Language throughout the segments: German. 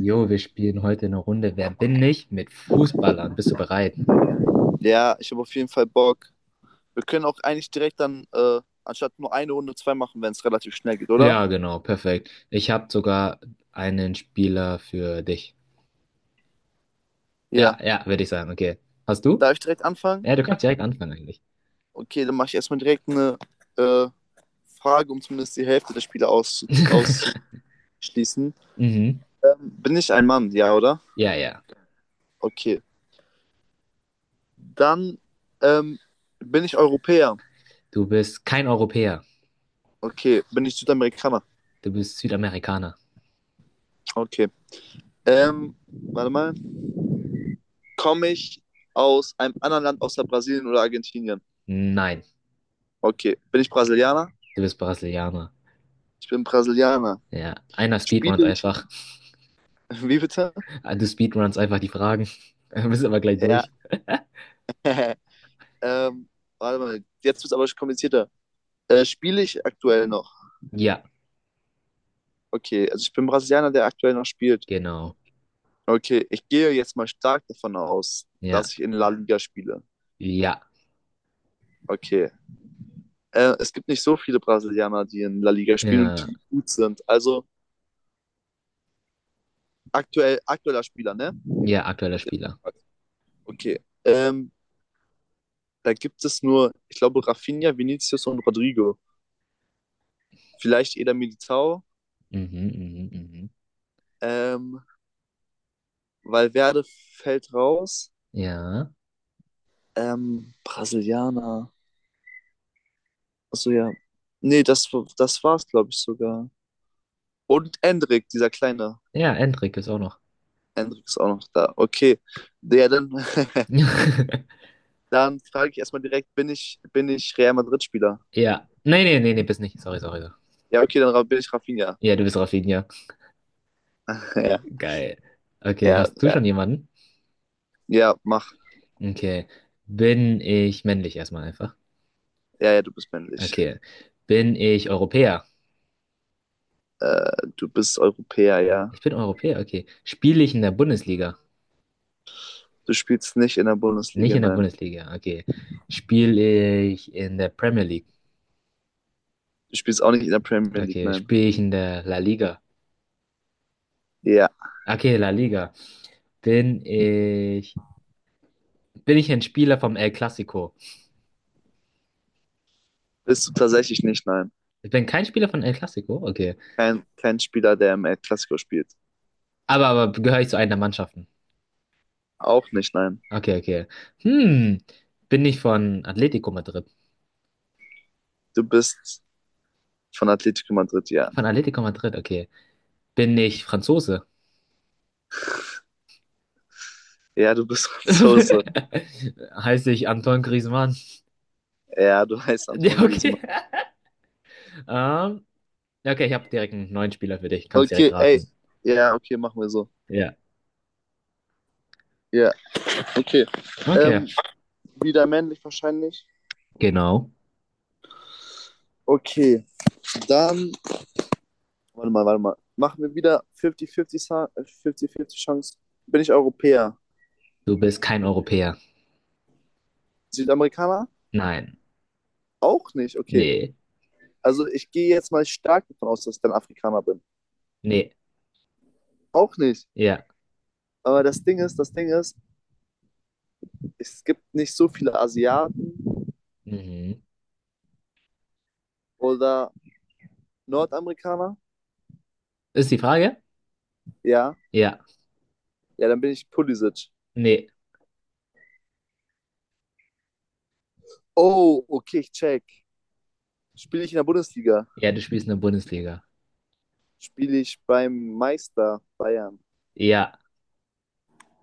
Jo, wir spielen heute eine Runde Wer bin ich mit Fußballern. Bist du bereit? Ja, ich habe auf jeden Fall Bock. Wir können auch eigentlich direkt dann, anstatt nur eine Runde, zwei machen, wenn es relativ schnell geht, oder? Ja, genau, perfekt. Ich habe sogar einen Spieler für dich. Ja, Ja. ja, würde ich sagen. Okay. Hast du? Darf ich direkt anfangen? Ja, du kannst Ja, direkt anfangen eigentlich. Okay, dann mache ich erstmal direkt eine äh, Frage, um zumindest die Hälfte der Spiele auszuschließen. Mhm. Bin ich ein Mann? Ja, oder? Ja, ja. Okay. Dann ähm, bin ich Europäer? Du bist kein Europäer. Okay. Bin ich Südamerikaner? Du bist Südamerikaner. Okay. Warte mal. Komme ich aus einem anderen Land außer Brasilien oder Argentinien? Nein, Okay. Bin ich Brasilianer? du bist Brasilianer. Ich bin Brasilianer. Ja, einer speedrunnt Spiele ich. einfach. Wie bitte? Du speedrunnst einfach die Fragen. Du bist aber gleich Ja. durch. ähm, warte mal, jetzt wird es aber komplizierter. Spiele ich aktuell noch? Ja, Okay, also ich bin Brasilianer, der aktuell noch spielt. genau. Okay, ich gehe jetzt mal stark davon aus, Ja, dass ich in La Liga spiele. ja, Okay. Es gibt nicht so viele Brasilianer, die in La Liga spielen und ja, die gut sind. Also aktueller Spieler, ne? ja, aktueller Hat er Spieler. gefragt. Okay. Da gibt es nur, ich glaube, Rafinha, Vinicius und Rodrigo. Vielleicht Eder Militao. Mhm, mhm, mhm. Ähm, Valverde fällt raus. Ja. Brasilianer. Achso, ja. Nee, das war's, glaube ich, sogar. Und Endrick, dieser kleine. Ja, Endrik ist auch noch. Endrick ist auch noch da. Okay. Ja, dann, dann frage ich erstmal direkt, bin ich Real Madrid-Spieler? Ja. Nee, nee, nee, nee, bist nicht. Sorry, sorry, sorry. Ja, okay, dann bin ich Rafinha. Ja, du bist Rafinha. ja, Geil. Okay, ja, hast du ja, schon jemanden? ja, mach. Okay. Bin ich männlich erstmal einfach? Ja, ja, du bist männlich. Okay. Bin ich Europäer? Du bist Europäer, ja. Ich bin Europäer, okay. Spiele ich in der Bundesliga? Du spielst nicht in der Nicht Bundesliga, in der nein. Bundesliga, okay. Spiele ich in der Premier League? Du spielst auch nicht in der Premier League, Okay. nein. Spiele ich in der La Liga? Ja. Okay, La Liga. Bin ich. Bin ich ein Spieler vom El Clasico? Bist du tatsächlich nicht, nein. Ich bin kein Spieler von El Clasico? Okay. Kein Spieler, der im El Clasico spielt. Aber gehöre ich zu einer der Mannschaften? Auch nicht, nein. Okay, okay. Hm. Bin ich von Atlético Madrid? Du bist von Atletico Madrid, ja. Von Atlético Madrid, okay. Bin ich Franzose? Ja, du bist Franzose. Heiße ich Antoine Griezmann? Ja, du heißt Ja, Antoine Griezmann. okay. Ähm, ja, okay, ich habe direkt einen neuen Spieler für dich. Kannst direkt Okay, ey. raten. Ja, okay, machen wir so. Ja. Ja, okay. Okay. Ähm, wieder männlich wahrscheinlich. Genau. Okay, dann. Warte mal, warte mal. Machen wir wieder 50-50 50 Chance. Bin ich Europäer? Du bist kein Europäer. Südamerikaner? Nein. Auch nicht, okay. Nee. Also ich gehe jetzt mal stark davon aus, dass ich dann Afrikaner bin. Nee. Auch nicht. Ja. Aber das Ding ist, es gibt nicht so viele Asiaten Mhm. oder Nordamerikaner. Ist die Frage? Ja, Ja. ja, dann bin ich Pulisic. Nee. Oh, okay, ich check. Spiele ich in der Bundesliga? Ja, du spielst in der Bundesliga. Spiele ich beim Meister Bayern? Ja.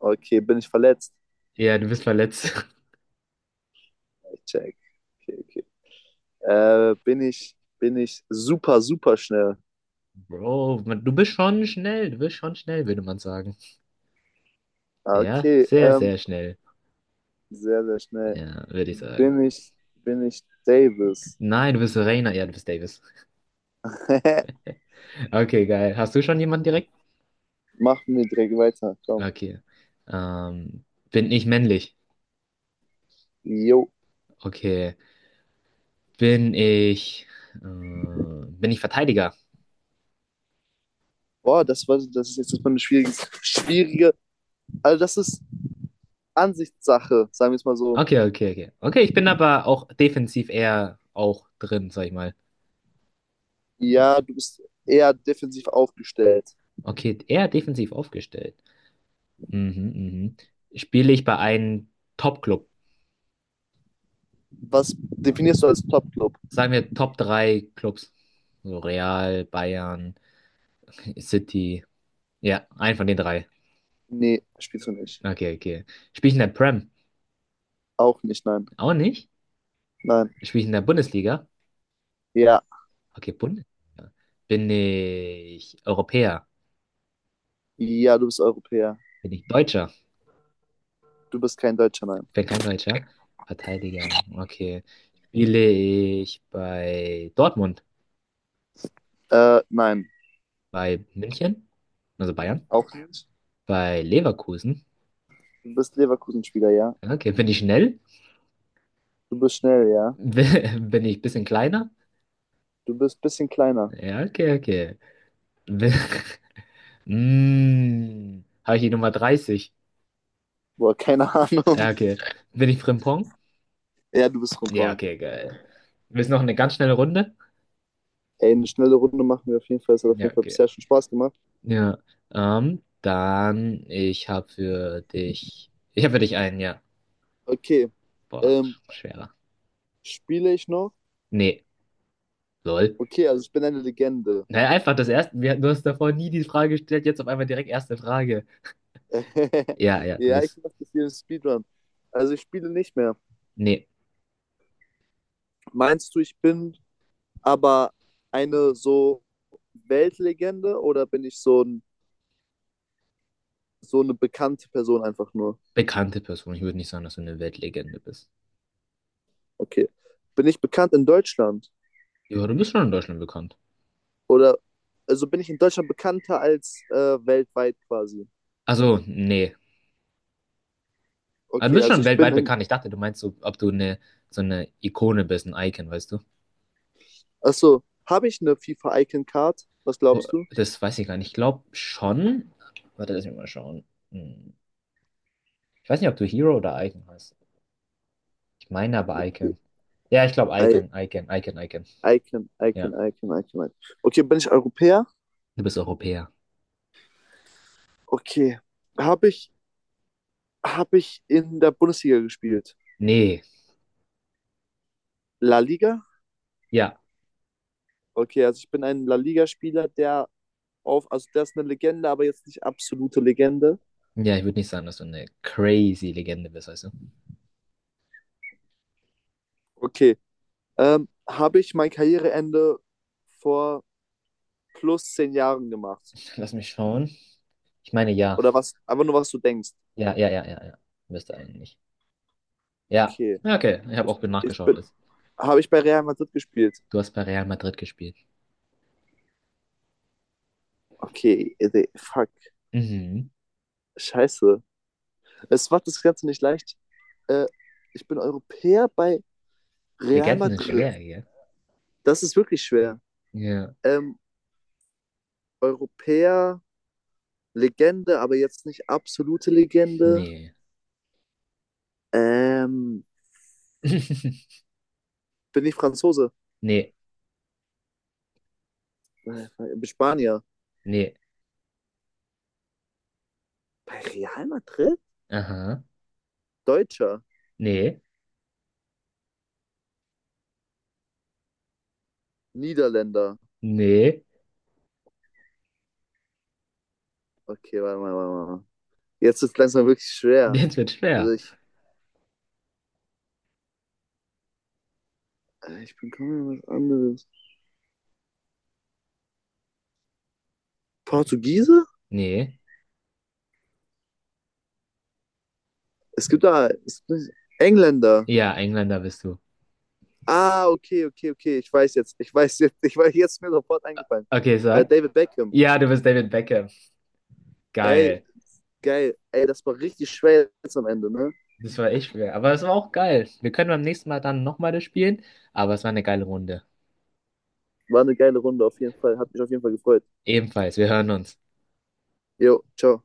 Okay, bin ich verletzt? Ja, du bist verletzt. Ich check. Okay, okay. Bin ich super, super schnell? Bro, man, du bist schon schnell. Du bist schon schnell, würde man sagen. Ah, Ja, okay, sehr, sehr schnell. sehr, sehr schnell. Ja, würde ich sagen. Bin ich, bin ich Davis? Nein, du bist Rainer. Ja, du bist Davis. Okay, geil. Hast du schon jemanden direkt? Machen wir direkt weiter, komm. Okay. Ähm, bin ich männlich? Jo. Okay. Bin ich. Bin ich Verteidiger? Boah, das ist jetzt erstmal eine schwierige, schwierige. Also das ist Ansichtssache, sagen wir es mal so. Okay, okay, okay. Okay, ich bin aber auch defensiv eher auch drin, sag ich mal. Ja, du bist eher defensiv aufgestellt. Okay, eher defensiv aufgestellt. Mhm, mhm. Spiele ich bei einem Top-Club? Was definierst du als Top-Club? Sagen wir Top 3 Clubs. So Real, Bayern, City. Ja, einen von den drei. Nee, spielst du nicht. Okay, okay. Spiele ich in der Prem? Auch nicht, nein. Auch nicht. Nein. Spiele ich in der Bundesliga? Ja. Okay, Bundesliga. Bin ich Europäer? Ja, du bist Europäer. Bin ich Deutscher? Du bist kein Deutscher, nein. Ich bin kein Deutscher. Verteidiger. Okay. Spiele ich bei Dortmund? Nein, Bei München? Also Bayern? auch nicht. Bei Leverkusen? Du bist Leverkusen-Spieler, ja. Okay, bin ich schnell? Du bist schnell, ja. Bin ich ein bisschen kleiner? Du bist ein bisschen kleiner. Ja, okay, okay. Bin, Mm, habe ich die Nummer 30? Boah, keine Ahnung. Ja, okay. Bin ich Frimpong? Ja, du bist Ja, rumkommen. okay, geil. Willst du noch eine ganz schnelle Runde? Ey, eine schnelle Runde machen wir auf jeden Fall. Es hat auf Ja, jeden Fall okay. bisher schon Spaß gemacht. Ja. Ich habe für dich. Ich habe für dich einen, ja. Okay, Boah, ähm, schwerer. spiele ich noch? Nee, lol. Okay, also ich bin eine Legende. Naja, einfach das erste. Du hast davor nie die Frage gestellt, jetzt auf einmal direkt erste Frage. Ja, du Ja, ich bist. mache das hier im Speedrun. Also ich spiele nicht mehr. Nee, Meinst du, ich bin aber eine so Weltlegende oder bin ich so eine bekannte Person einfach nur? bekannte Person. Ich würde nicht sagen, dass du eine Weltlegende bist. Okay. Bin ich bekannt in Deutschland? Ja, du bist schon in Deutschland bekannt. Oder also bin ich in Deutschland bekannter als weltweit quasi? Also, nee. Aber du Okay, bist also schon ich bin weltweit in. bekannt. Ich dachte, du meinst so, ob so eine Ikone bist, ein Icon, weißt du? Achso, habe ich eine FIFA Icon Card? Was Oh, glaubst du? das weiß ich gar nicht. Ich glaube schon. Warte, lass mich mal schauen. Hm. Ich weiß nicht, ob du Hero oder Icon heißt. Ich meine aber Icon. Ja, ich glaube I Icon, Icon, Icon, Icon. Icon, Icon, Ja. Icon, Icon, Icon. Okay, bin ich Europäer? Du bist Europäer. Okay. Habe ich habe ich in der Bundesliga gespielt. Nee. La Liga? Ja. Okay, also ich bin ein La Liga-Spieler, der auf, also der ist eine Legende, aber jetzt nicht absolute Legende. Ja, ich würde nicht sagen, dass du eine crazy Legende bist, weißt du? Okay. Habe ich mein Karriereende vor plus zehn Jahren gemacht? Lass mich schauen. Ich meine, ja. Oder was? Einfach nur, was du denkst. Ja. Bist du eigentlich. Ja. Okay. Ja, okay. Ich habe Ich, auch ich nachgeschaut. bin, Ist. habe ich bei Real Madrid gespielt? Du hast bei Real Madrid gespielt. Okay, ey, fuck. Mhm. Scheiße. Es macht das Ganze nicht leicht. Äh, ich bin Europäer bei Real Legenden sind Madrid. schwer, gell? Das ist wirklich schwer. Ja. Ähm, Europäer Legende, aber jetzt nicht absolute Legende. Nee. Ähm, bin ich Franzose? Nee. Äh, Bin Spanier. Nee. Bei Real Madrid? Aha. Deutscher. Nee. Niederländer. Nee. Okay, warte mal, warte mal. Jetzt ist langsam wirklich schwer. Jetzt wird schwer. Also ich bin kaum was anderes. Portugiese? Nee. Es gibt Engländer. Ja, Engländer bist du. Ah, okay, okay, okay. Ich weiß jetzt. Ich weiß jetzt. Ich weiß jetzt ist mir sofort eingefallen. Okay, sag. David Beckham. Ja, du bist David Beckham. Ey, Geil. geil. Ey, das war richtig schwer jetzt am Ende, ne? Das war echt schwer. Aber es war auch geil. Wir können beim nächsten Mal dann nochmal das spielen. Aber es war eine geile Runde. War eine geile Runde auf jeden Fall. Hat mich auf jeden Fall gefreut. Ebenfalls. Wir hören uns. Jo, ciao.